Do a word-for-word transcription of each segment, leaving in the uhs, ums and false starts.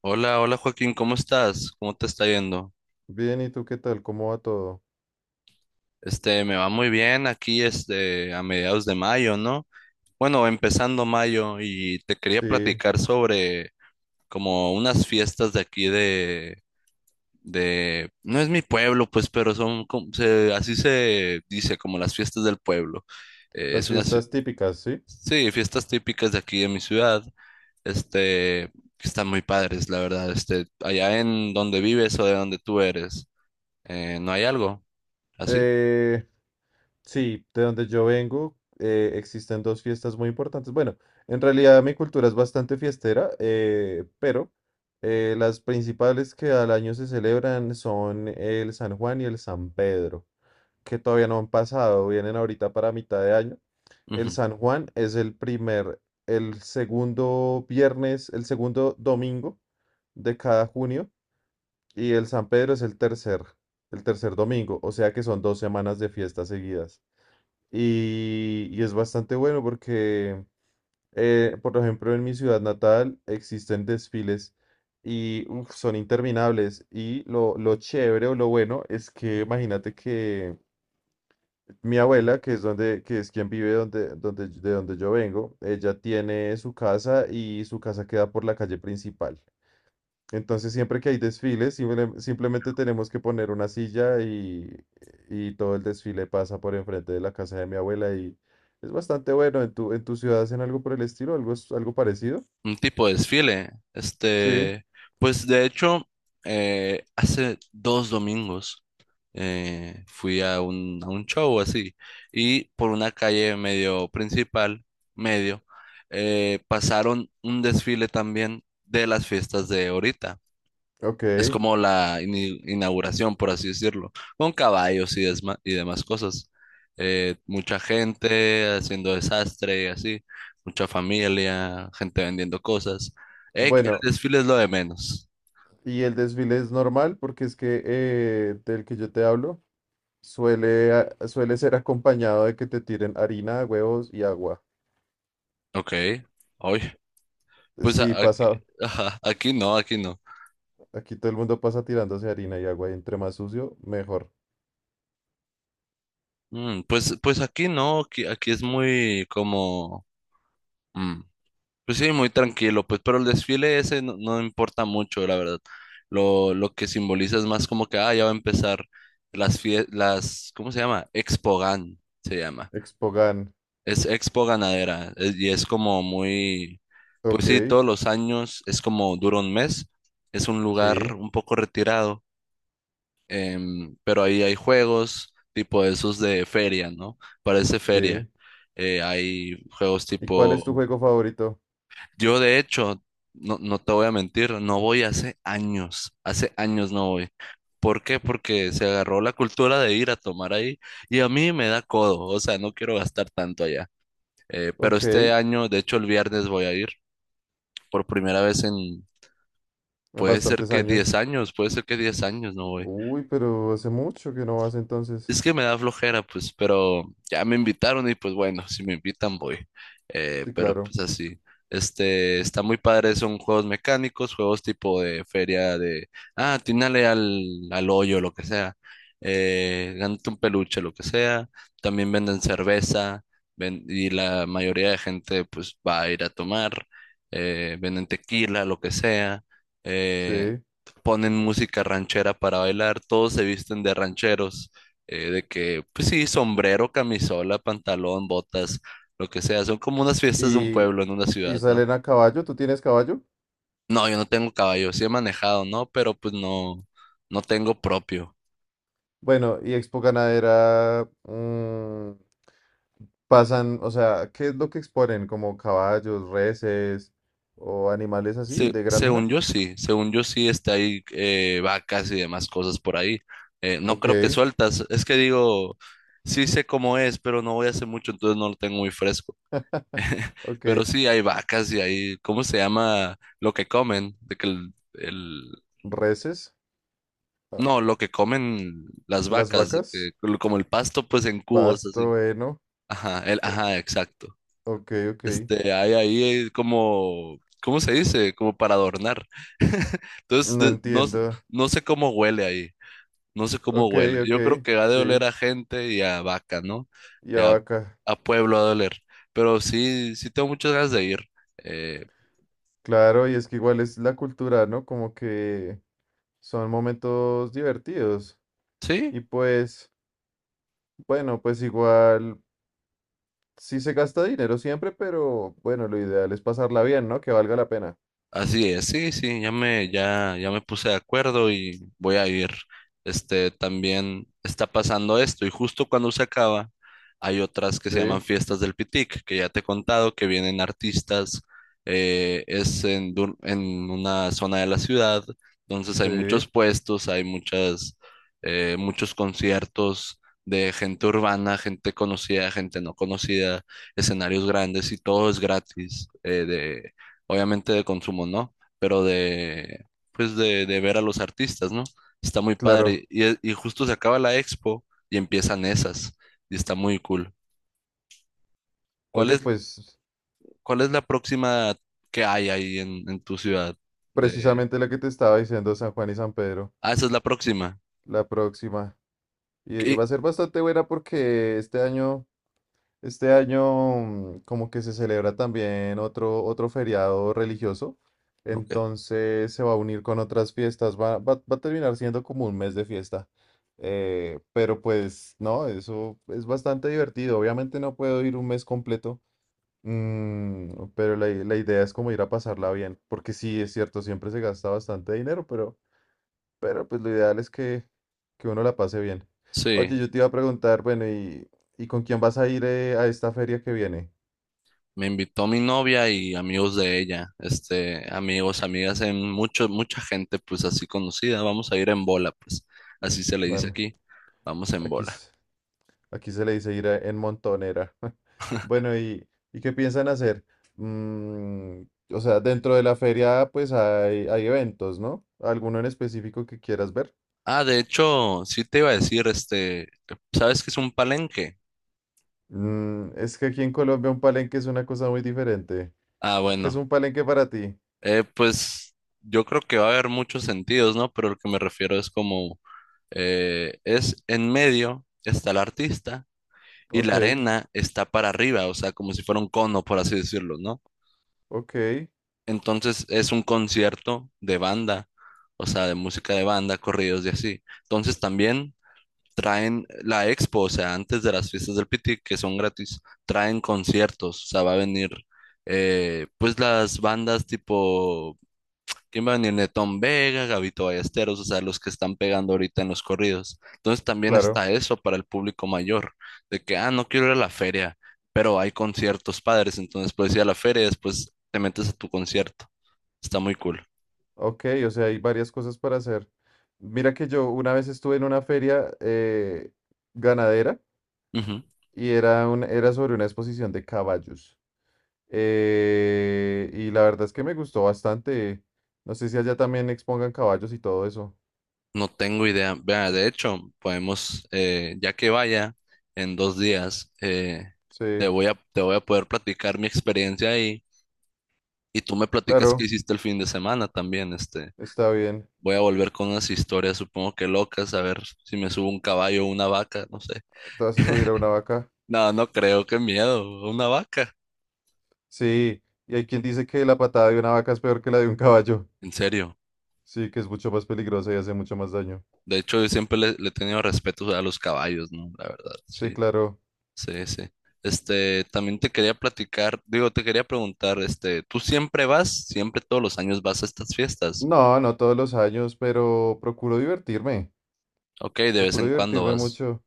Hola, hola Joaquín, ¿cómo estás? ¿Cómo te está yendo? Bien, ¿y tú qué tal? ¿Cómo va todo? Este, me va muy bien aquí, este, a mediados de mayo, ¿no? Bueno, empezando mayo y te quería Sí, platicar sobre como unas fiestas de aquí de, de, no es mi pueblo, pues, pero son, como- se- así se dice, como las fiestas del pueblo. Eh, las es una, ci- fiestas típicas, ¿sí? sí, fiestas típicas de aquí de mi ciudad, este, que están muy padres, la verdad, este, allá en donde vives o de donde tú eres. Eh, no hay algo así. Eh, sí, de donde yo vengo eh, existen dos fiestas muy importantes. Bueno, en realidad mi cultura es bastante fiestera, eh, pero eh, las principales que al año se celebran son el San Juan y el San Pedro, que todavía no han pasado, vienen ahorita para mitad de año. El Ujú. San Juan es el primer, el segundo viernes, el segundo domingo de cada junio. Y el San Pedro es el tercer, el tercer domingo, o sea que son dos semanas de fiestas seguidas. Y, y es bastante bueno porque, eh, por ejemplo, en mi ciudad natal existen desfiles y uf, son interminables. Y lo, lo chévere o lo bueno es que imagínate que mi abuela, que es donde, que es quien vive donde, donde, de donde yo vengo, ella tiene su casa y su casa queda por la calle principal. Entonces, siempre que hay desfiles, simple- simplemente tenemos que poner una silla y, y todo el desfile pasa por enfrente de la casa de mi abuela y es bastante bueno. ¿En tu, en tu ciudad hacen algo por el estilo? ¿Algo, es- algo parecido? Un tipo de desfile. Sí, Este, pues de hecho, eh, hace dos domingos eh, fui a un, a un show así y por una calle medio principal, medio, eh, pasaron un desfile también de las fiestas de ahorita. ok. Es como la ini- inauguración, por así decirlo, con caballos y, desma- y demás cosas. Eh, mucha gente haciendo desastre y así, mucha familia, gente vendiendo cosas. Eh, que Bueno, el desfile es lo de menos. y el desfile es normal porque es que eh, del que yo te hablo suele, a- suele ser acompañado de que te tiren harina, huevos y agua. Ok, hoy, pues a- Sí, aquí, pasa, ajá, aquí no, aquí no. aquí todo el mundo pasa tirándose harina y agua y entre más sucio, mejor. Mm, pues, pues aquí no, aquí, aquí es muy como... mm, pues sí, muy tranquilo, pues, pero el desfile ese no, no importa mucho, la verdad. Lo, lo que simboliza es más como que, ah, ya va a empezar las fiestas, las, ¿cómo se llama? Expogan, se llama. Expogan, Es Expo Ganadera, es- y es como muy, pues sí, ok. todos los años, es como dura un mes, es un lugar Sí, un poco retirado, em, pero ahí hay juegos tipo esos de feria, ¿no? Parece feria. sí. Eh, hay juegos ¿Y cuál es tu tipo juego favorito? Yo de hecho, no, no te voy a mentir, no voy hace años, hace años no voy. ¿Por qué? Porque se agarró la cultura de ir a tomar ahí y a mí me da codo, o sea, no quiero gastar tanto allá. Eh, pero Ok, este año, de hecho, el viernes voy a ir por primera vez en, puede ser bastantes que diez años. años, puede ser que diez años no voy. Uy, pero hace mucho que no vas entonces. Es que me da flojera, pues, pero ya me invitaron y pues bueno, si me invitan voy. Eh, Sí, Pero claro. pues así, este, está muy padre, son juegos mecánicos, juegos tipo de feria de, ah, atínale al, al hoyo, lo que sea. Eh, gánate un peluche, lo que sea. También venden cerveza, ven- y la mayoría de gente pues va a ir a tomar. Eh, venden tequila, lo que sea. Eh, Sí. Ponen música ranchera para bailar, todos se visten de rancheros, eh, de que, pues sí, sombrero, camisola, pantalón, botas, lo que sea. Son como unas fiestas de un Y, pueblo en una y ciudad, ¿no? salen a caballo, ¿tú tienes caballo? No, yo no tengo caballo, sí he manejado, ¿no? Pero pues no, no tengo propio. Bueno, y Expo Ganadera, mm, pasan, o sea, ¿qué es lo que exponen? ¿Como caballos, reses o animales así Se- de según granja? yo sí, según yo sí está ahí, eh, vacas y demás cosas por ahí. Eh, no Ok, creo que sueltas, es que digo, sí sé cómo es, pero no voy a hacer mucho, entonces no lo tengo muy fresco. Pero ok. sí hay vacas y hay, ¿cómo se llama lo que comen? De que el, Reses, ah, no, lo que comen las las vacas, de que- vacas, lo- como el pasto, pues en cubos, así. pasto, heno. Ajá, el, eh, ajá, exacto. ok, ok. Este, hay ahí, eh, como, ¿cómo se dice? Como para adornar. Entonces, No de- no, s- entiendo. no sé cómo huele ahí, no sé cómo Ok, huele. ok, Yo creo que ha de oler sí. a gente y a vaca, ¿no? Y Y a, Abaca. a pueblo ha de oler. Pero sí, sí tengo muchas ganas de ir. Eh, Claro, y es que igual es la cultura, ¿no? Como que son momentos divertidos. sí. Y pues, bueno, pues igual sí se gasta dinero siempre, pero bueno, lo ideal es pasarla bien, ¿no? Que valga la pena. Así es, sí, sí, ya me, ya, ya me puse de acuerdo y voy a ir. Este, también está pasando esto y justo cuando se acaba hay otras que se llaman Sí, Fiestas del Pitic, que ya te he contado, que vienen artistas, eh, es en, dur- en una zona de la ciudad, entonces hay muchos sí, puestos, hay muchas, eh, muchos conciertos de gente urbana, gente conocida, gente no conocida, escenarios grandes y todo es gratis, eh, obviamente de consumo no, pero de, pues de, de ver a los artistas, ¿no? Está muy claro. padre. Y, e- y justo se acaba la expo y empiezan esas, y está muy cool. ¿Cuál Oye, es, pues cuál es la próxima que hay ahí en, en tu ciudad? De... precisamente lo que te estaba diciendo, San Juan y San Pedro, Ah, esa es la próxima. la próxima. Y y va a ¿Qué? ser bastante buena porque este año... Este año, mm, como que se celebra también otro, otro feriado religioso, Ok. entonces se va a unir con otras fiestas, va, va- va a terminar siendo como un mes de fiesta. eh, pero pues no, eso es bastante divertido. Obviamente no puedo ir un mes completo, mm, pero la, i- la idea es como ir a pasarla bien, porque sí, es cierto, siempre se gasta bastante dinero, pero... Pero pues lo ideal es que, que uno la pase bien. Oye, Sí, yo te iba a preguntar, bueno, ¿y, y con quién vas a ir eh, a esta feria que viene? me invitó mi novia y amigos de ella, este, amigos, amigas, en mucho, mucha gente, pues así conocida. Vamos a ir en bola, pues así se le dice Bueno, aquí. Vamos en aquí, bola. s- aquí se le dice ir a- en montonera. Bueno, ¿y, y qué piensan hacer? Mm, o sea, dentro de la feria pues hay, hay eventos, ¿no? ¿Alguno en específico que quieras ver? Ah, de hecho, sí te iba a decir, este, ¿sabes qué es un palenque? Mm, es que aquí en Colombia un palenque es una cosa muy diferente. Ah, ¿Qué es bueno, un palenque para ti? eh, pues yo creo que va a haber muchos sentidos, ¿no? Pero lo que me refiero es como, eh, es en medio está el artista y Ok, la arena está para arriba, o sea, como si fuera un cono, por así decirlo, ¿no? ok, Entonces es un concierto de banda, o sea, de música de banda, corridos y así. Entonces también traen la expo, o sea, antes de las fiestas del Piti, que son gratis, traen conciertos, o sea, va a venir, eh, pues las bandas tipo, ¿quién va a venir? Netón Vega, Gabito Ballesteros, o sea, los que están pegando ahorita en los corridos. Entonces también claro. está eso para el público mayor, de que, ah, no quiero ir a la feria, pero hay conciertos padres, entonces puedes ir a la feria y después te metes a tu concierto. Está muy cool. Ok, o sea, hay varias cosas para hacer. Mira que yo una vez estuve en una feria eh, ganadera y era, un, era sobre una exposición de caballos. Eh, y la verdad es que me gustó bastante. No sé si allá también expongan caballos y todo eso. No tengo idea. Vea, de hecho, podemos, eh, ya que vaya en dos días, eh, Sí, te voy a, te voy a poder platicar mi experiencia ahí y tú me platicas qué claro, hiciste el fin de semana también. Este, está bien. Voy a volver con unas historias, supongo que locas, a ver si me subo un caballo o una vaca, no sé. Te vas a subir a una vaca. No, no creo, qué miedo, una vaca, Sí, y hay quien dice que la patada de una vaca es peor que la de un caballo. en serio. Sí, que es mucho más peligrosa y hace mucho más daño. De hecho, yo siempre le, le he tenido respeto a los caballos, ¿no? La verdad, Sí, sí. claro. Sí, sí. Este, también te quería platicar, digo, te quería preguntar, este, ¿tú siempre vas? ¿Siempre todos los años vas a estas fiestas? No, no todos los años, pero procuro divertirme. Ok, de vez Procuro en cuando divertirme vas. mucho.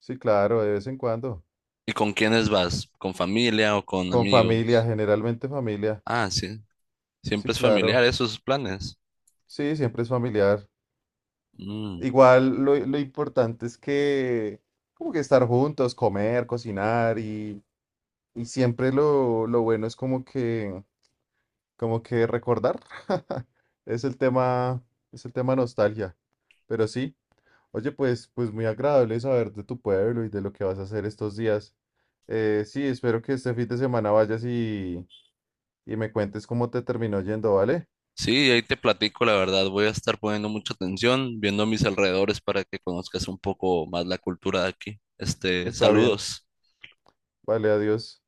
Sí, claro, de vez en cuando. ¿Y con quiénes vas? ¿Con familia o con Con familia, amigos? generalmente familia. Ah, sí. Sí, Siempre es familiar, claro. esos planes. Sí, siempre es familiar. Mm. Igual lo, lo importante es que como que estar juntos, comer, cocinar y, y siempre lo, lo bueno es como que como que recordar. Es el tema, es el tema nostalgia. Pero sí. Oye, pues, pues muy agradable saber de tu pueblo y de lo que vas a hacer estos días. Eh, sí, espero que este fin de semana vayas y, y me cuentes cómo te terminó yendo, ¿vale? Sí, ahí te platico, la verdad, voy a estar poniendo mucha atención, viendo a mis alrededores para que conozcas un poco más la cultura de aquí. Este, Está bien. Saludos. Vale, adiós.